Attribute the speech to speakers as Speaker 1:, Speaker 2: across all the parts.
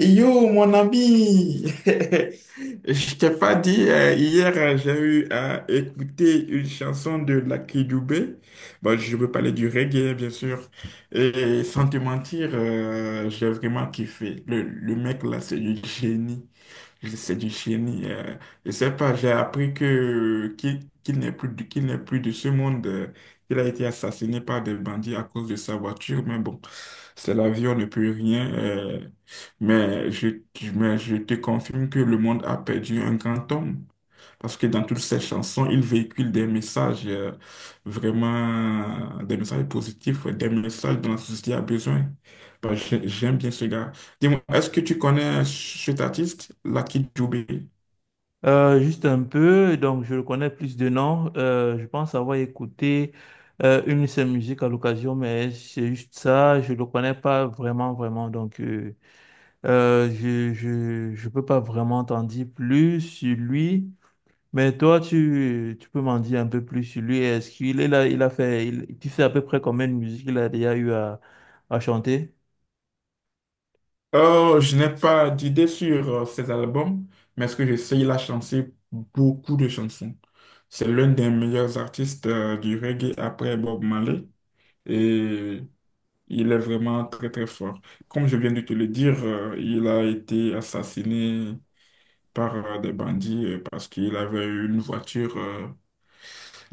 Speaker 1: Yo, mon ami, je t'ai pas dit, hier j'ai eu à écouter une chanson de Lucky Dubé. Bon, je veux parler du reggae, bien sûr. Et sans te mentir, j'ai vraiment kiffé. Le mec là, c'est du génie. C'est du génie. Je sais pas, j'ai appris que qu'il qu'il n'est plus, qu'il n'est plus de ce monde, qu'il a été assassiné par des bandits à cause de sa voiture, mais bon, c'est la vie, on ne peut rien. Mais je, mais je te confirme que le monde a perdu un grand homme. Parce que dans toutes ces chansons, il véhicule des messages vraiment, des messages positifs, ouais, des messages dont la société a besoin. Bah, j'aime bien ce gars. Dis-moi, est-ce que tu connais cet artiste, Lucky Dubé?
Speaker 2: Juste un peu, donc je le connais plus de nom. Je pense avoir écouté une de ses musiques à l'occasion, mais c'est juste ça, je le connais pas vraiment, vraiment. Donc je peux pas vraiment t'en dire plus sur lui. Mais toi, tu peux m'en dire un peu plus sur lui. Est-ce qu'il est là, il a fait, tu sais à peu près combien de musiques il a déjà eu à chanter?
Speaker 1: Oh, je n'ai pas d'idée sur ses albums, mais ce que je sais, il a chanté beaucoup de chansons. C'est l'un des meilleurs artistes du reggae après Bob Marley. Et il est vraiment très très fort. Comme je viens de te le dire, il a été assassiné par des bandits parce qu'il avait une voiture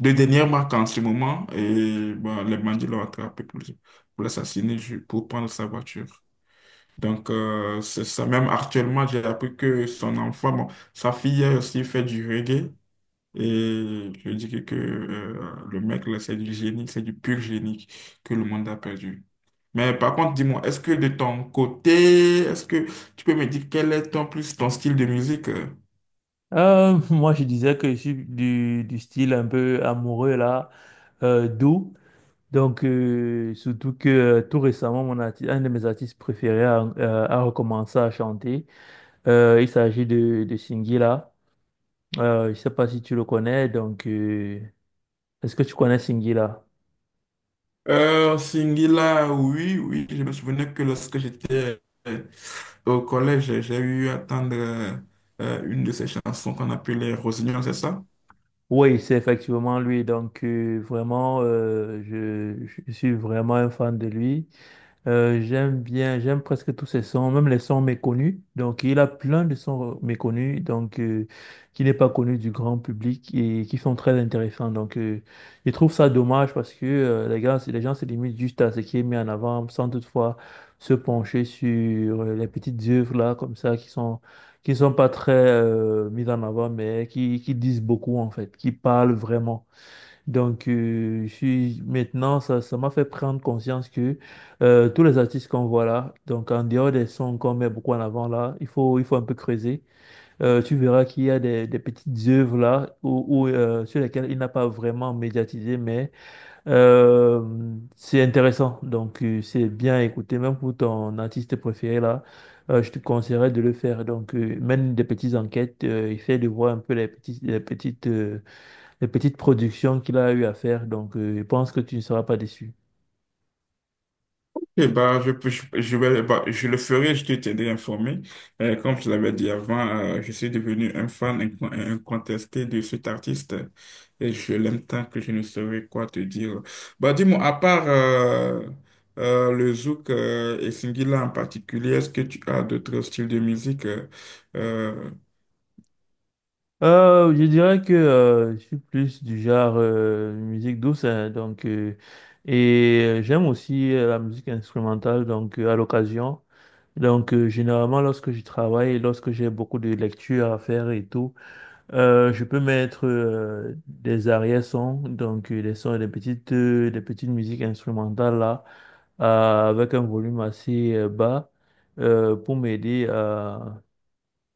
Speaker 1: de dernière marque en ce moment et bon, les bandits l'ont attrapé pour l'assassiner, pour prendre sa voiture. C'est ça. Même actuellement, j'ai appris que son enfant, bon, sa fille a aussi fait du reggae et je dis que le mec, là, c'est du génie, c'est du pur génie que le monde a perdu. Mais par contre, dis-moi, est-ce que de ton côté, est-ce que tu peux me dire quel est ton plus ton style de musique?
Speaker 2: Moi, je disais que je suis du style un peu amoureux, là, doux. Donc, surtout que tout récemment, un de mes artistes préférés a, a recommencé à chanter. Il s'agit de Singila. Je ne sais pas si tu le connais. Donc, est-ce que tu connais Singila?
Speaker 1: Singila, oui, oui, je me souvenais que lorsque j'étais euh, au collège, j'ai eu à attendre une de ces chansons qu'on appelait Rosignol, c'est ça?
Speaker 2: Oui, c'est effectivement lui. Donc, vraiment, je suis vraiment un fan de lui. J'aime bien, j'aime presque tous ses sons, même les sons méconnus. Donc, il a plein de sons méconnus, qui n'est pas connu du grand public et qui sont très intéressants. Donc, je trouve ça dommage parce que les gars, les gens se limitent juste à ce qui est mis en avant, sans toutefois se pencher sur les petites œuvres là, comme ça, qui sont pas très mises en avant, mais qui disent beaucoup en fait, qui parlent vraiment. Donc, maintenant, ça m'a fait prendre conscience que tous les artistes qu'on voit là, donc en dehors des sons qu'on met beaucoup en avant là, il faut un peu creuser. Tu verras qu'il y a des petites œuvres là où sur lesquelles il n'a pas vraiment médiatisé, mais euh, c'est intéressant. Donc, c'est bien à écouter, même pour ton artiste préféré là. Je te conseillerais de le faire. Donc, mène des petites enquêtes, essaie de voir un peu les petites productions qu'il a eu à faire. Donc, je pense que tu ne seras pas déçu.
Speaker 1: Eh ben, je vais, bah, je le ferai, je te tiendrai informé. Comme je l'avais dit avant, je suis devenu un fan incontesté de cet artiste et je l'aime tant que je ne saurais quoi te dire. Bah, dis-moi, à part le zouk et Singila en particulier, est-ce que tu as d'autres styles de musique? Euh,
Speaker 2: Je dirais que je suis plus du genre musique douce, hein, et j'aime aussi la musique instrumentale, donc à l'occasion. Donc généralement lorsque je travaille, lorsque j'ai beaucoup de lectures à faire et tout, je peux mettre des arrière-sons, des sons, des petites musiques instrumentales là. Avec un volume assez bas pour m'aider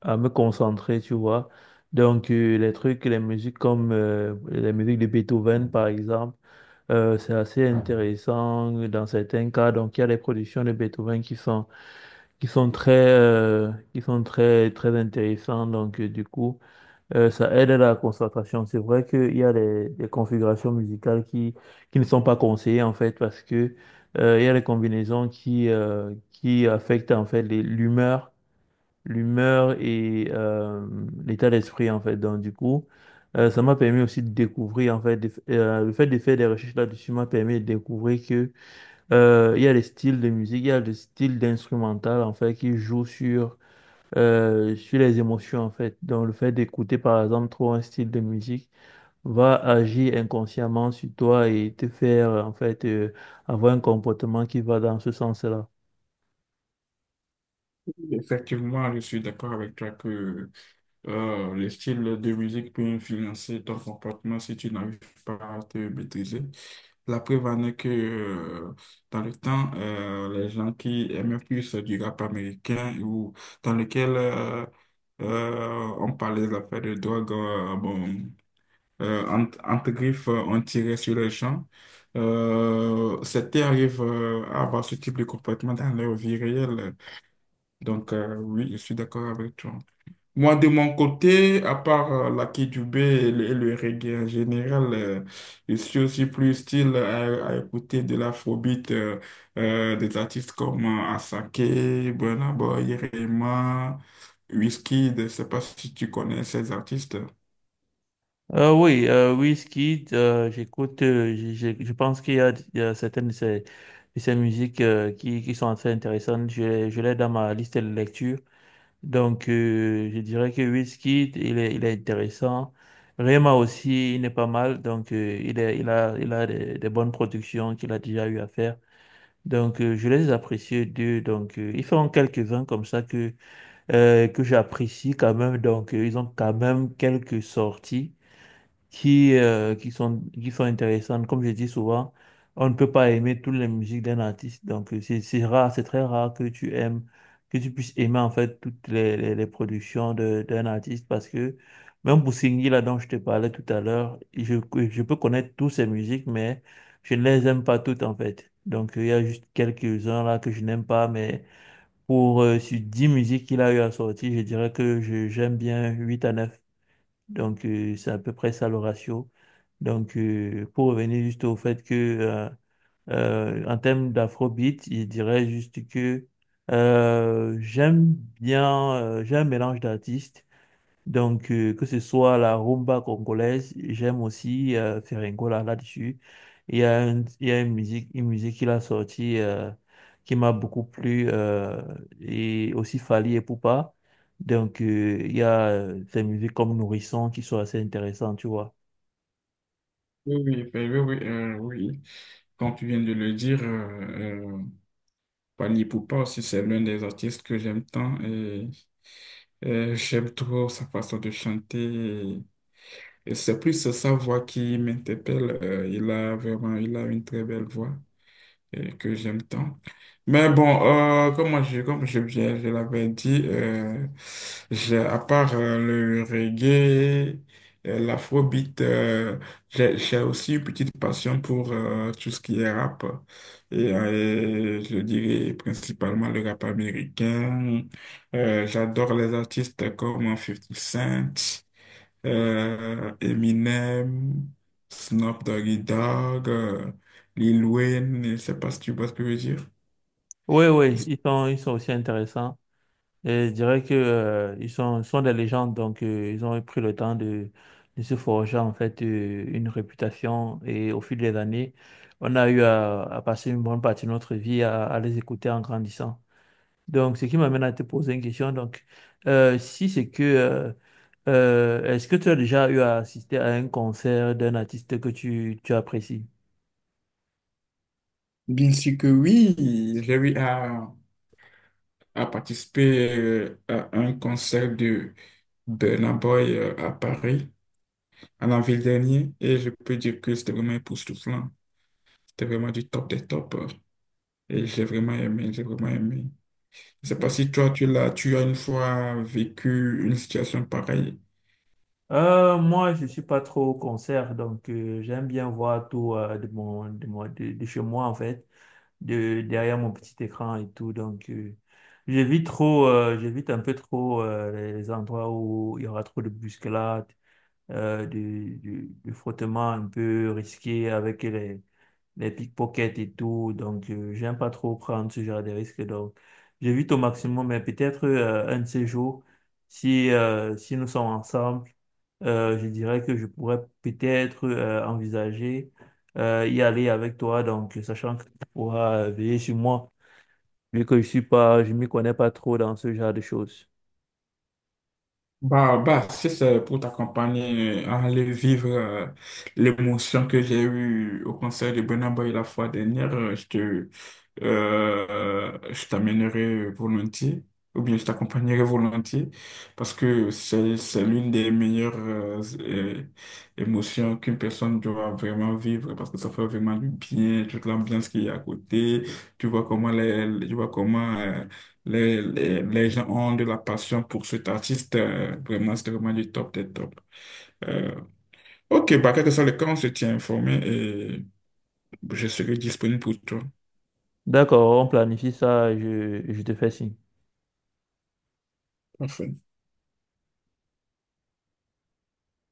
Speaker 2: à me concentrer, tu vois. Donc, les trucs, les musiques comme les musiques de Beethoven, par exemple, c'est assez intéressant dans certains cas. Donc, il y a les productions de Beethoven qui sont très, très intéressantes. Donc, du coup, ça aide à la concentration. C'est vrai qu'il y a des configurations musicales qui ne sont pas conseillées en fait parce que il y a des combinaisons qui affectent en fait l'humeur, l'humeur et l'état d'esprit en fait. Donc du coup, ça m'a permis aussi de découvrir en fait le fait de faire des recherches là-dessus m'a permis de découvrir que il y a des styles de musique, il y a des styles d'instrumental en fait qui jouent sur sur les émotions en fait. Donc le fait d'écouter par exemple trop un style de musique va agir inconsciemment sur toi et te faire en fait avoir un comportement qui va dans ce sens-là.
Speaker 1: effectivement, je suis d'accord avec toi que les styles de musique peuvent influencer ton comportement si tu n'arrives pas à te maîtriser. La preuve en est que dans le temps, les gens qui aimaient plus du rap américain ou dans lequel on parlait des affaires de drogue, bon, entre griffes, on tirait sur les gens. C'était arrive à avoir ce type de comportement dans leur vie réelle. Oui, je suis d'accord avec toi. Moi, de mon côté, à part la Kidjoubé et le reggae en général, je suis aussi plus style à écouter de l'afrobeat, des artistes comme Asake, Burna Boy, Rema, Wizkid. Je ne sais pas si tu connais ces artistes.
Speaker 2: Oui, Wizkid, j'écoute, je pense qu'il y a, il y a certaines de ces musiques qui sont assez intéressantes. Je l'ai dans ma liste de lecture. Donc, je dirais que Wizkid, il est intéressant. Rema aussi, il n'est pas mal. Donc, il est, il a des bonnes productions qu'il a déjà eu à faire. Donc, je les apprécie d'eux. Donc, ils font quelques-uns comme ça que j'apprécie quand même. Donc, ils ont quand même quelques sorties qui sont intéressantes. Comme je dis souvent, on ne peut pas aimer toutes les musiques d'un artiste. Donc, c'est rare, c'est très rare que tu aimes, que tu puisses aimer en fait toutes les productions d'un artiste parce que même pour Singhi, là dont je te parlais tout à l'heure, je peux connaître toutes ses musiques, mais je ne les aime pas toutes en fait. Donc, il y a juste quelques-uns là que je n'aime pas, mais pour sur 10 musiques qu'il a eu à sortir, je dirais que j'aime bien 8 à 9 donc, c'est à peu près ça le ratio. Donc, pour revenir juste au fait que, en termes d'afrobeat, je dirais juste que j'aime bien, j'ai un mélange d'artistes. Donc, que ce soit la rumba congolaise, j'aime aussi Ferringola là-dessus. Il y a une musique qu'il a sortie qui m'a beaucoup plu, et aussi Fally et Poupa. Donc, il y a des musiques comme Nourrisson qui sont assez intéressantes, tu vois.
Speaker 1: Oui, oui, ben oui, oui, oui. Comme tu viens de le dire, Pani Poupa aussi, c'est l'un des artistes que j'aime tant et j'aime trop sa façon de chanter. Et c'est plus sa voix qui m'interpelle. Il a vraiment, il a une très belle voix et que j'aime tant. Mais bon, comme je l'avais dit, j'ai, à part le reggae, l'afrobeat, j'ai aussi une petite passion pour tout ce qui est rap. Et je dirais principalement le rap américain. J'adore les artistes comme Fifty Cent Eminem, Snoop Doggy Dogg, Lil Wayne, je sais pas si tu vois ce que je veux dire.
Speaker 2: Oui, oui, ils sont aussi intéressants. Et je dirais que, ils sont, sont des légendes, ils ont pris le temps de se forger en fait une réputation. Et au fil des années, on a eu à passer une bonne partie de notre vie à les écouter en grandissant. Donc, ce qui m'amène à te poser une question. Donc, si c'est que, est-ce que tu as déjà eu à assister à un concert d'un artiste que tu apprécies?
Speaker 1: Bien sûr que oui, j'ai eu à participer à un concert de Burna Boy à Paris en avril dernier et je peux dire que c'était vraiment époustouflant. C'était vraiment du top des tops et j'ai vraiment aimé, j'ai vraiment aimé. Je sais pas si toi, tu l'as, tu as une fois vécu une situation pareille.
Speaker 2: Moi, je suis pas trop au concert, j'aime bien voir tout de chez moi, en fait. De, derrière mon petit écran et tout. Donc, j'évite trop, j'évite un peu trop les endroits où il y aura trop de bousculades, du frottement un peu risqué avec les pickpockets et tout. Donc, j'aime pas trop prendre ce genre de risques. Donc, j'évite au maximum, mais peut-être un de ces jours, si, si nous sommes ensemble, je dirais que je pourrais peut-être envisager y aller avec toi, donc sachant que tu pourras veiller sur moi, vu que je suis pas, je m'y connais pas trop dans ce genre de choses.
Speaker 1: Bah, bah, si c'est pour t'accompagner à aller vivre l'émotion que j'ai eue au concert de Burna Boy la fois dernière, je t'amènerai volontiers, ou bien je t'accompagnerai volontiers, parce que c'est l'une des meilleures émotions qu'une personne doit vraiment vivre, parce que ça fait vraiment du bien, toute l'ambiance qu'il y a à côté, tu vois comment les, tu vois comment, les, les gens ont de la passion pour cet artiste, vraiment, c'est vraiment du top des top. Euh, ok, bah, quel que soit le cas, on se tient informé et je serai disponible pour toi.
Speaker 2: D'accord, on planifie ça, je te fais signe.
Speaker 1: Parfait.